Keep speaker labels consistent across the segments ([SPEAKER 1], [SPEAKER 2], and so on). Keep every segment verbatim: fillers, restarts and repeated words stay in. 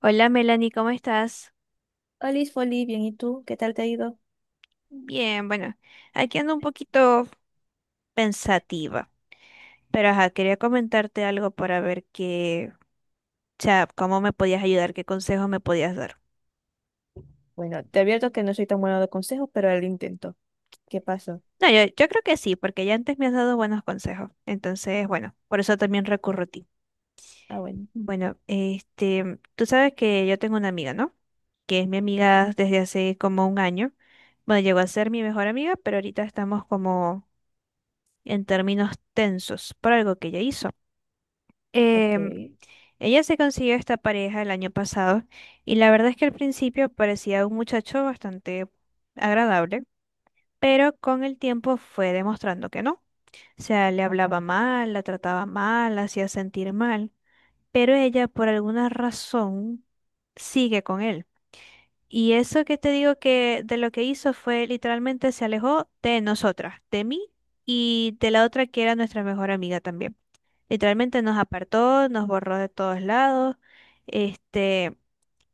[SPEAKER 1] Hola Melanie, ¿cómo estás?
[SPEAKER 2] Olis, Foli, bien, ¿y tú? ¿Qué tal te ha ido?
[SPEAKER 1] Bien, bueno, aquí ando un poquito pensativa, pero ajá, quería comentarte algo para ver qué, o sea, cómo me podías ayudar, qué consejos me podías dar.
[SPEAKER 2] Bueno, te advierto que no soy tan bueno de consejos, pero al intento. ¿Qué pasó?
[SPEAKER 1] No, yo, yo creo que sí, porque ya antes me has dado buenos consejos, entonces, bueno, por eso también recurro a ti.
[SPEAKER 2] Ah, bueno.
[SPEAKER 1] Bueno, este, tú sabes que yo tengo una amiga, ¿no? Que es mi amiga desde hace como un año. Bueno, llegó a ser mi mejor amiga, pero ahorita estamos como en términos tensos por algo que ella hizo.
[SPEAKER 2] Ok.
[SPEAKER 1] Em, ella se consiguió esta pareja el año pasado y la verdad es que al principio parecía un muchacho bastante agradable, pero con el tiempo fue demostrando que no. O sea, le hablaba mal, la trataba mal, la hacía sentir mal, pero ella por alguna razón sigue con él. Y eso que te digo que de lo que hizo fue literalmente se alejó de nosotras, de mí y de la otra que era nuestra mejor amiga también. Literalmente nos apartó, nos borró de todos lados. Este,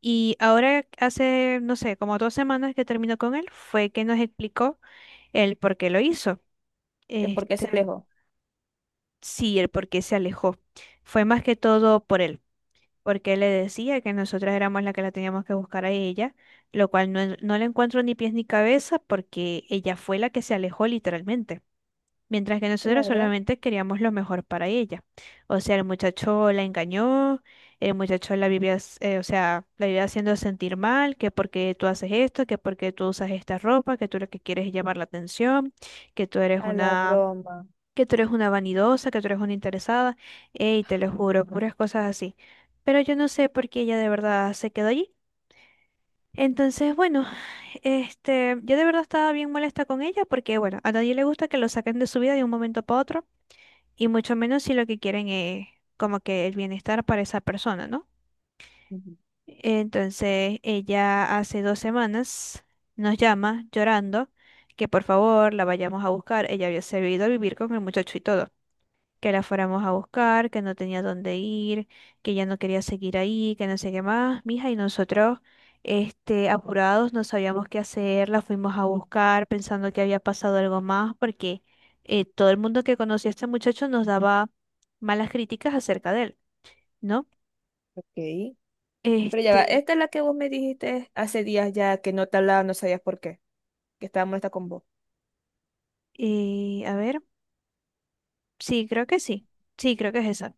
[SPEAKER 1] y ahora hace, no sé, como dos semanas que terminó con él, fue que nos explicó el por qué lo hizo.
[SPEAKER 2] ¿Eh, ¿por qué se
[SPEAKER 1] Este,
[SPEAKER 2] alejó?
[SPEAKER 1] sí, el por qué se alejó. Fue más que todo por él, porque él le decía que nosotras éramos las que la teníamos que buscar a ella, lo cual no, no le encuentro ni pies ni cabeza porque ella fue la que se alejó literalmente, mientras que nosotros
[SPEAKER 2] Claro,
[SPEAKER 1] solamente queríamos lo mejor para ella. O sea, el muchacho la engañó, el muchacho la vivía, s- eh, o sea, la vivía haciendo sentir mal, que porque tú haces esto, que porque tú usas esta ropa, que tú lo que quieres es llamar la atención, que tú eres
[SPEAKER 2] a la
[SPEAKER 1] una,
[SPEAKER 2] broma.
[SPEAKER 1] que tú eres una vanidosa, que tú eres una interesada, y te lo juro, puras cosas así. Pero yo no sé por qué ella de verdad se quedó allí. Entonces, bueno, este, yo de verdad estaba bien molesta con ella porque, bueno, a nadie le gusta que lo saquen de su vida de un momento para otro y mucho menos si lo que quieren es como que el bienestar para esa persona, ¿no?
[SPEAKER 2] Ujú.
[SPEAKER 1] Entonces ella hace dos semanas nos llama llorando que por favor la vayamos a buscar. Ella había sabido vivir con el muchacho y todo que la fuéramos a buscar, que no tenía dónde ir, que ya no quería seguir ahí, que no sé qué más, mija, y nosotros, este, apurados, no sabíamos qué hacer, la fuimos a buscar pensando que había pasado algo más, porque eh, todo el mundo que conocía a este muchacho nos daba malas críticas acerca de él, ¿no?
[SPEAKER 2] Ok. Pero ya va,
[SPEAKER 1] Este,
[SPEAKER 2] esta es la que vos me dijiste hace días ya que no te hablaba, no sabías por qué, que estaba molesta con vos.
[SPEAKER 1] eh, a ver, sí, creo que sí, sí, creo que es esa.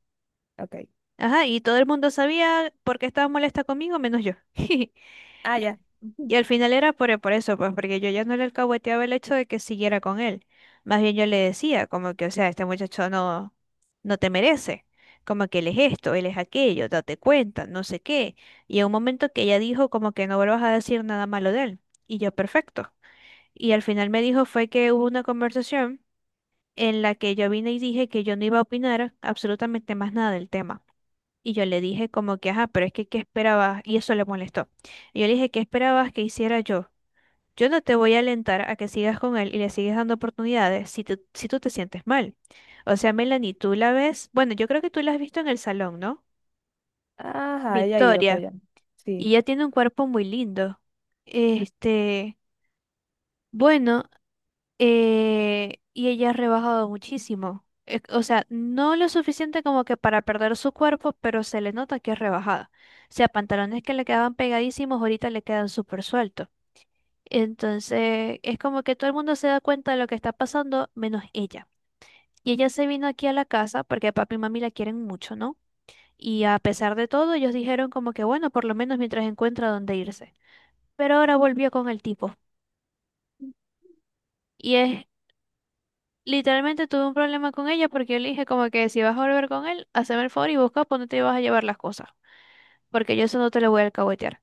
[SPEAKER 2] Ok.
[SPEAKER 1] Ajá, y todo el mundo sabía por qué estaba molesta conmigo, menos yo. Y
[SPEAKER 2] Ah, ya. Ujú.
[SPEAKER 1] Y al final era por, por eso, pues porque yo ya no le alcahueteaba el hecho de que siguiera con él. Más bien yo le decía, como que, o sea, este muchacho no, no te merece. Como que él es esto, él es aquello, date cuenta, no sé qué. Y en un momento que ella dijo como que no vuelvas a decir nada malo de él. Y yo, perfecto. Y al final me dijo fue que hubo una conversación en la que yo vine y dije que yo no iba a opinar absolutamente más nada del tema. Y yo le dije como que, ajá, pero es que, ¿qué esperabas? Y eso le molestó. Y yo le dije, ¿qué esperabas que hiciera yo? Yo no te voy a alentar a que sigas con él y le sigues dando oportunidades si, tú- si tú te sientes mal. O sea, Melanie, tú la ves, bueno, yo creo que tú la has visto en el salón, ¿no?
[SPEAKER 2] Ajá, ella ha ido para
[SPEAKER 1] Victoria,
[SPEAKER 2] allá.
[SPEAKER 1] y
[SPEAKER 2] Sí.
[SPEAKER 1] ella tiene un cuerpo muy lindo. Este, bueno, eh, y ella ha rebajado muchísimo. Eh, O sea, no lo suficiente como que para perder su cuerpo, pero se le nota que es rebajada. O sea, pantalones que le quedaban pegadísimos, ahorita le quedan súper sueltos. Entonces, es como que todo el mundo se da cuenta de lo que está pasando, menos ella. Y ella se vino aquí a la casa porque papi y mami la quieren mucho, ¿no? Y a pesar de todo, ellos dijeron como que, bueno, por lo menos mientras encuentra dónde irse. Pero ahora volvió con el tipo. Y es, literalmente tuve un problema con ella porque yo le dije como que si vas a volver con él, haceme el favor y busca por dónde te vas a llevar las cosas. Porque yo eso no te lo voy a alcahuetear.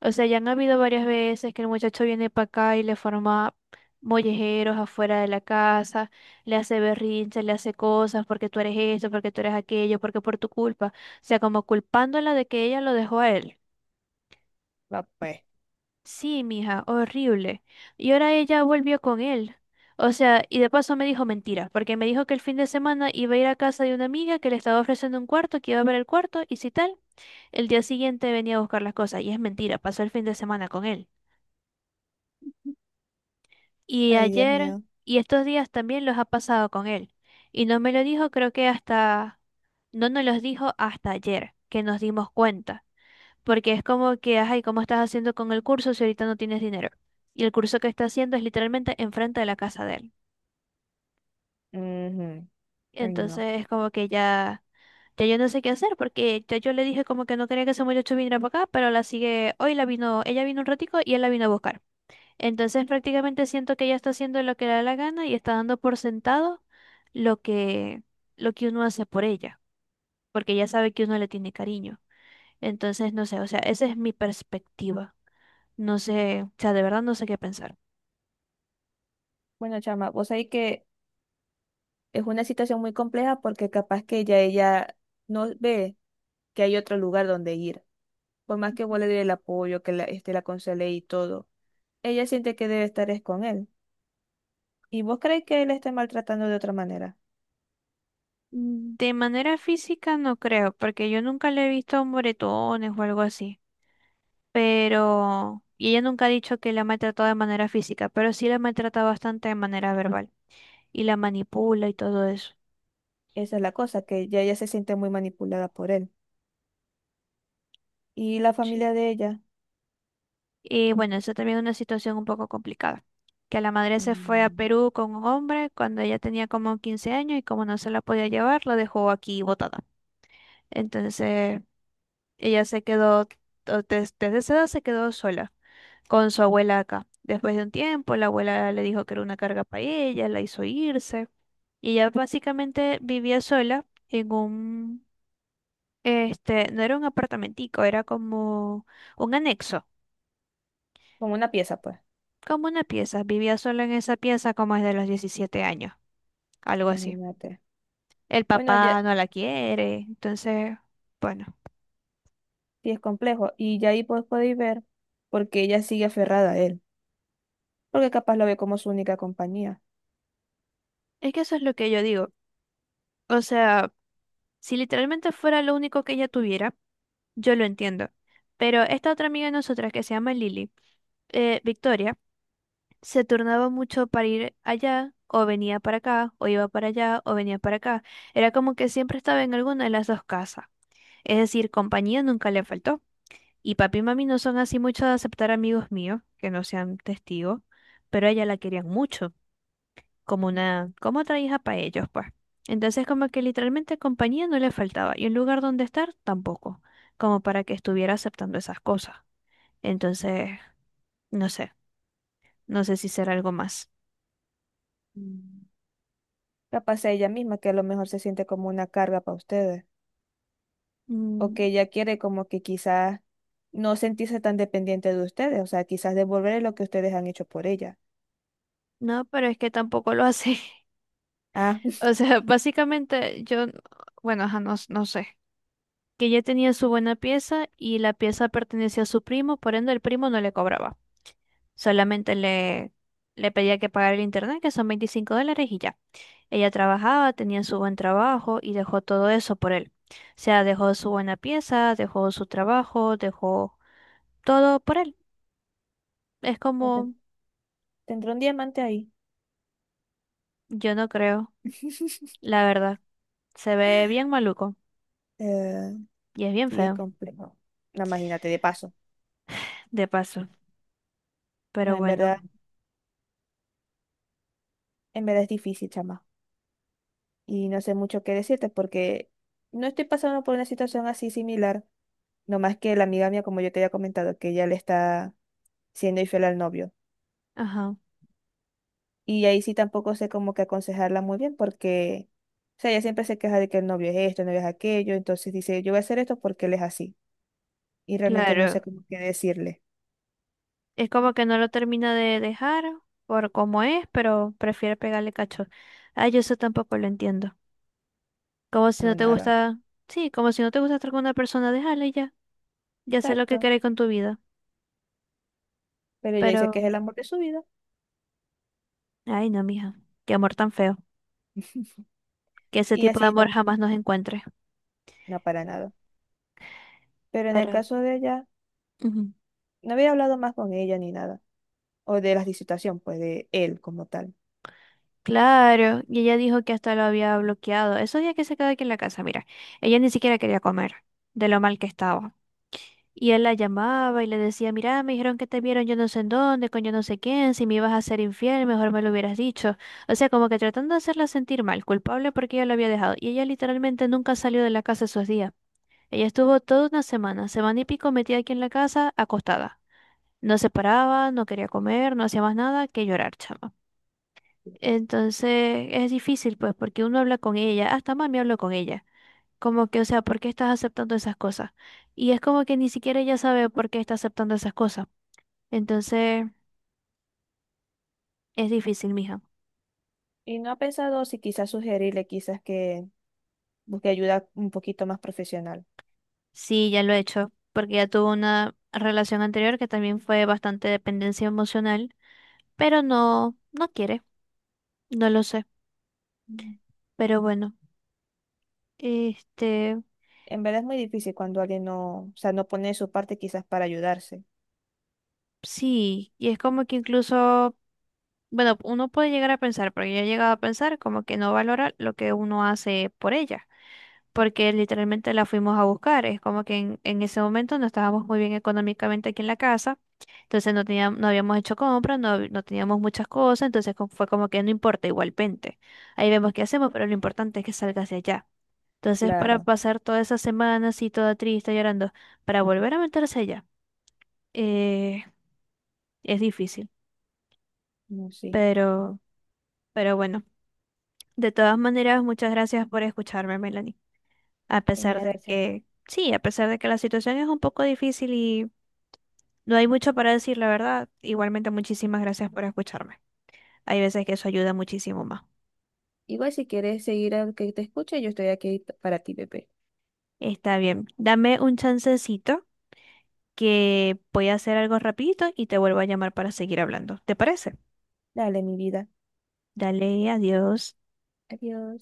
[SPEAKER 1] O sea, ya han habido varias veces que el muchacho viene para acá y le forma mollejeros afuera de la casa, le hace berrinches, le hace cosas porque tú eres esto, porque tú eres aquello, porque por tu culpa. O sea, como culpándola de que ella lo dejó a él.
[SPEAKER 2] Va pues.
[SPEAKER 1] Sí, mija, horrible. Y ahora ella volvió con él. O sea, y de paso me dijo mentiras, porque me dijo que el fin de semana iba a ir a casa de una amiga que le estaba ofreciendo un cuarto, que iba a ver el cuarto, y si tal, el día siguiente venía a buscar las cosas. Y es mentira, pasó el fin de semana con él. Y
[SPEAKER 2] Ay, Dios
[SPEAKER 1] ayer
[SPEAKER 2] mío.
[SPEAKER 1] y estos días también los ha pasado con él. Y no me lo dijo, creo que hasta, no nos los dijo hasta ayer, que nos dimos cuenta. Porque es como que, ay, ¿cómo estás haciendo con el curso si ahorita no tienes dinero? Y el curso que está haciendo es literalmente enfrente de la casa de él.
[SPEAKER 2] Ujú. Ay, no.
[SPEAKER 1] Entonces es como que ya, ya yo no sé qué hacer, porque ya yo le dije como que no quería que ese muchacho viniera para acá, pero la sigue, hoy la vino, ella vino un ratico y él la vino a buscar. Entonces prácticamente siento que ella está haciendo lo que le da la gana y está dando por sentado lo que, lo que uno hace por ella, porque ella sabe que uno le tiene cariño. Entonces, no sé, o sea, esa es mi perspectiva. No sé, o sea, de verdad no sé qué pensar.
[SPEAKER 2] Bueno, chama, vos sabés que es una situación muy compleja porque capaz que ya ella no ve que hay otro lugar donde ir. Por más que vos le dé el apoyo, que la, este, la aconsele y todo, ella siente que debe estar es con él. Y vos creéis que él la esté maltratando de otra manera.
[SPEAKER 1] Mm, De manera física no creo, porque yo nunca le he visto moretones o algo así. Pero, y ella nunca ha dicho que la maltrató de manera física, pero sí la maltrata bastante de manera verbal y la manipula y todo eso.
[SPEAKER 2] Esa es la cosa, que ya ella se siente muy manipulada por él. Y la familia de ella,
[SPEAKER 1] Y bueno, eso también es una situación un poco complicada, que la madre se fue a
[SPEAKER 2] mm,
[SPEAKER 1] Perú con un hombre cuando ella tenía como quince años y como no se la podía llevar, la dejó aquí botada. Entonces, ella se quedó, o des- desde esa edad se quedó sola con su abuela acá. Después de un tiempo, la abuela le dijo que era una carga para ella, la hizo irse y ella básicamente vivía sola en un, este, no era un apartamentico, era como un anexo,
[SPEAKER 2] como una pieza, pues,
[SPEAKER 1] como una pieza. Vivía solo en esa pieza como desde los diecisiete años, algo así.
[SPEAKER 2] imagínate.
[SPEAKER 1] El
[SPEAKER 2] Bueno, ya
[SPEAKER 1] papá no la quiere, entonces, bueno,
[SPEAKER 2] sí es complejo. Y ya ahí pues podéis ver porque ella sigue aferrada a él. Porque capaz lo ve como su única compañía.
[SPEAKER 1] es que eso es lo que yo digo. O sea, si literalmente fuera lo único que ella tuviera, yo lo entiendo. Pero esta otra amiga de nosotras que se llama Lily, eh, Victoria, se turnaba mucho para ir allá, o venía para acá, o iba para allá, o venía para acá. Era como que siempre estaba en alguna de las dos casas. Es decir, compañía nunca le faltó. Y papi y mami no son así mucho de aceptar amigos míos que no sean testigos, pero a ella la querían mucho, como una, como otra hija para ellos, pues. Entonces como que literalmente compañía no le faltaba y un lugar donde estar tampoco, como para que estuviera aceptando esas cosas. Entonces, no sé, no sé si será algo más.
[SPEAKER 2] Mm. Capaz sea ella misma que a lo mejor se siente como una carga para ustedes, o
[SPEAKER 1] Mm,
[SPEAKER 2] que ella quiere como que quizás no sentirse tan dependiente de ustedes, o sea, quizás devolverle lo que ustedes han hecho por ella.
[SPEAKER 1] no, pero es que tampoco lo hace.
[SPEAKER 2] Ah,
[SPEAKER 1] O sea, básicamente yo, bueno, ajá, no, no sé, que ella tenía su buena pieza y la pieza pertenecía a su primo, por ende el primo no le cobraba. Solamente le, le pedía que pagara el internet, que son veinticinco dólares y ya. Ella trabajaba, tenía su buen trabajo y dejó todo eso por él. O sea, dejó su buena pieza, dejó su trabajo, dejó todo por él. Es
[SPEAKER 2] no ten-
[SPEAKER 1] como,
[SPEAKER 2] tendrá un diamante ahí.
[SPEAKER 1] yo no creo, la verdad. Se ve bien maluco
[SPEAKER 2] Eh,
[SPEAKER 1] y es bien
[SPEAKER 2] sí, es
[SPEAKER 1] feo,
[SPEAKER 2] complejo. No, imagínate, de paso.
[SPEAKER 1] de paso.
[SPEAKER 2] No,
[SPEAKER 1] Pero
[SPEAKER 2] en
[SPEAKER 1] bueno,
[SPEAKER 2] verdad, en verdad es difícil, chama. Y no sé mucho qué decirte porque no estoy pasando por una situación así similar, no más que la amiga mía, como yo te había comentado, que ella le está siendo infiel al novio.
[SPEAKER 1] ajá,
[SPEAKER 2] Y ahí sí tampoco sé como que aconsejarla muy bien porque, o sea, ella siempre se queja de que el novio es esto, el novio es aquello, entonces dice, yo voy a hacer esto porque él es así. Y realmente no sé
[SPEAKER 1] claro.
[SPEAKER 2] cómo qué decirle,
[SPEAKER 1] Es como que no lo termina de dejar por cómo es, pero prefiere pegarle cacho. Ay, yo eso tampoco lo entiendo. Como si no
[SPEAKER 2] no,
[SPEAKER 1] te
[SPEAKER 2] nada.
[SPEAKER 1] gusta, sí, como si no te gusta estar con una persona, déjala y ya. Ya sé lo que
[SPEAKER 2] Exacto.
[SPEAKER 1] querés con tu vida.
[SPEAKER 2] Pero ella dice que
[SPEAKER 1] Pero,
[SPEAKER 2] es el amor de su vida
[SPEAKER 1] ay no, mija, qué amor tan feo. Que ese
[SPEAKER 2] y
[SPEAKER 1] tipo de
[SPEAKER 2] así
[SPEAKER 1] amor
[SPEAKER 2] no,
[SPEAKER 1] jamás nos encuentre.
[SPEAKER 2] no para nada. Pero en el
[SPEAKER 1] Pero,
[SPEAKER 2] caso de ella,
[SPEAKER 1] ujú,
[SPEAKER 2] no había hablado más con ella ni nada, o de la situación, pues de él como tal.
[SPEAKER 1] claro, y ella dijo que hasta lo había bloqueado. Esos días que se quedó aquí en la casa, mira, ella ni siquiera quería comer de lo mal que estaba. Y él la llamaba y le decía, mira, me dijeron que te vieron yo no sé en dónde, con yo no sé quién, si me ibas a ser infiel, mejor me lo hubieras dicho. O sea, como que tratando de hacerla sentir mal, culpable porque ella lo había dejado. Y ella literalmente nunca salió de la casa esos días. Ella estuvo toda una semana, semana y pico metida aquí en la casa, acostada. No se paraba, no quería comer, no hacía más nada que llorar, chama. Entonces es difícil, pues, porque uno habla con ella, hasta mami habló con ella. Como que, o sea, ¿por qué estás aceptando esas cosas? Y es como que ni siquiera ella sabe por qué está aceptando esas cosas. Entonces, es difícil, mija.
[SPEAKER 2] Y no ha pensado si quizás sugerirle, quizás que busque ayuda un poquito más profesional.
[SPEAKER 1] Sí, ya lo he hecho, porque ya tuvo una relación anterior que también fue bastante dependencia emocional, pero no, no quiere, no lo sé. Pero bueno, este,
[SPEAKER 2] En verdad es muy difícil cuando alguien no, o sea, no pone de su parte quizás para ayudarse.
[SPEAKER 1] sí, y es como que incluso, bueno, uno puede llegar a pensar, porque yo he llegado a pensar como que no valora lo que uno hace por ella. Porque literalmente la fuimos a buscar. Es como que en, en ese momento no estábamos muy bien económicamente aquí en la casa, entonces no teníamos, no habíamos hecho compras, no, hab- no teníamos muchas cosas, entonces co- fue como que no importa, igualmente. Ahí vemos qué hacemos, pero lo importante es que salga hacia allá. Entonces, para
[SPEAKER 2] Claro,
[SPEAKER 1] pasar toda esa semana así, toda triste, llorando, para volver a meterse allá, eh, es difícil,
[SPEAKER 2] no, sí.
[SPEAKER 1] pero, pero bueno. De todas maneras, muchas gracias por escucharme, Melanie. A
[SPEAKER 2] En
[SPEAKER 1] pesar de
[SPEAKER 2] adelante.
[SPEAKER 1] que, sí, a pesar de que la situación es un poco difícil. No hay mucho para decir, la verdad. Igualmente, muchísimas gracias por escucharme. Hay veces que eso ayuda muchísimo más.
[SPEAKER 2] Igual si quieres seguir al que te escuche, yo estoy aquí para ti, bebé.
[SPEAKER 1] Está bien. Dame un chancecito que voy a hacer algo rapidito y te vuelvo a llamar para seguir hablando. ¿Te parece?
[SPEAKER 2] Dale, mi vida.
[SPEAKER 1] Dale, adiós.
[SPEAKER 2] Adiós.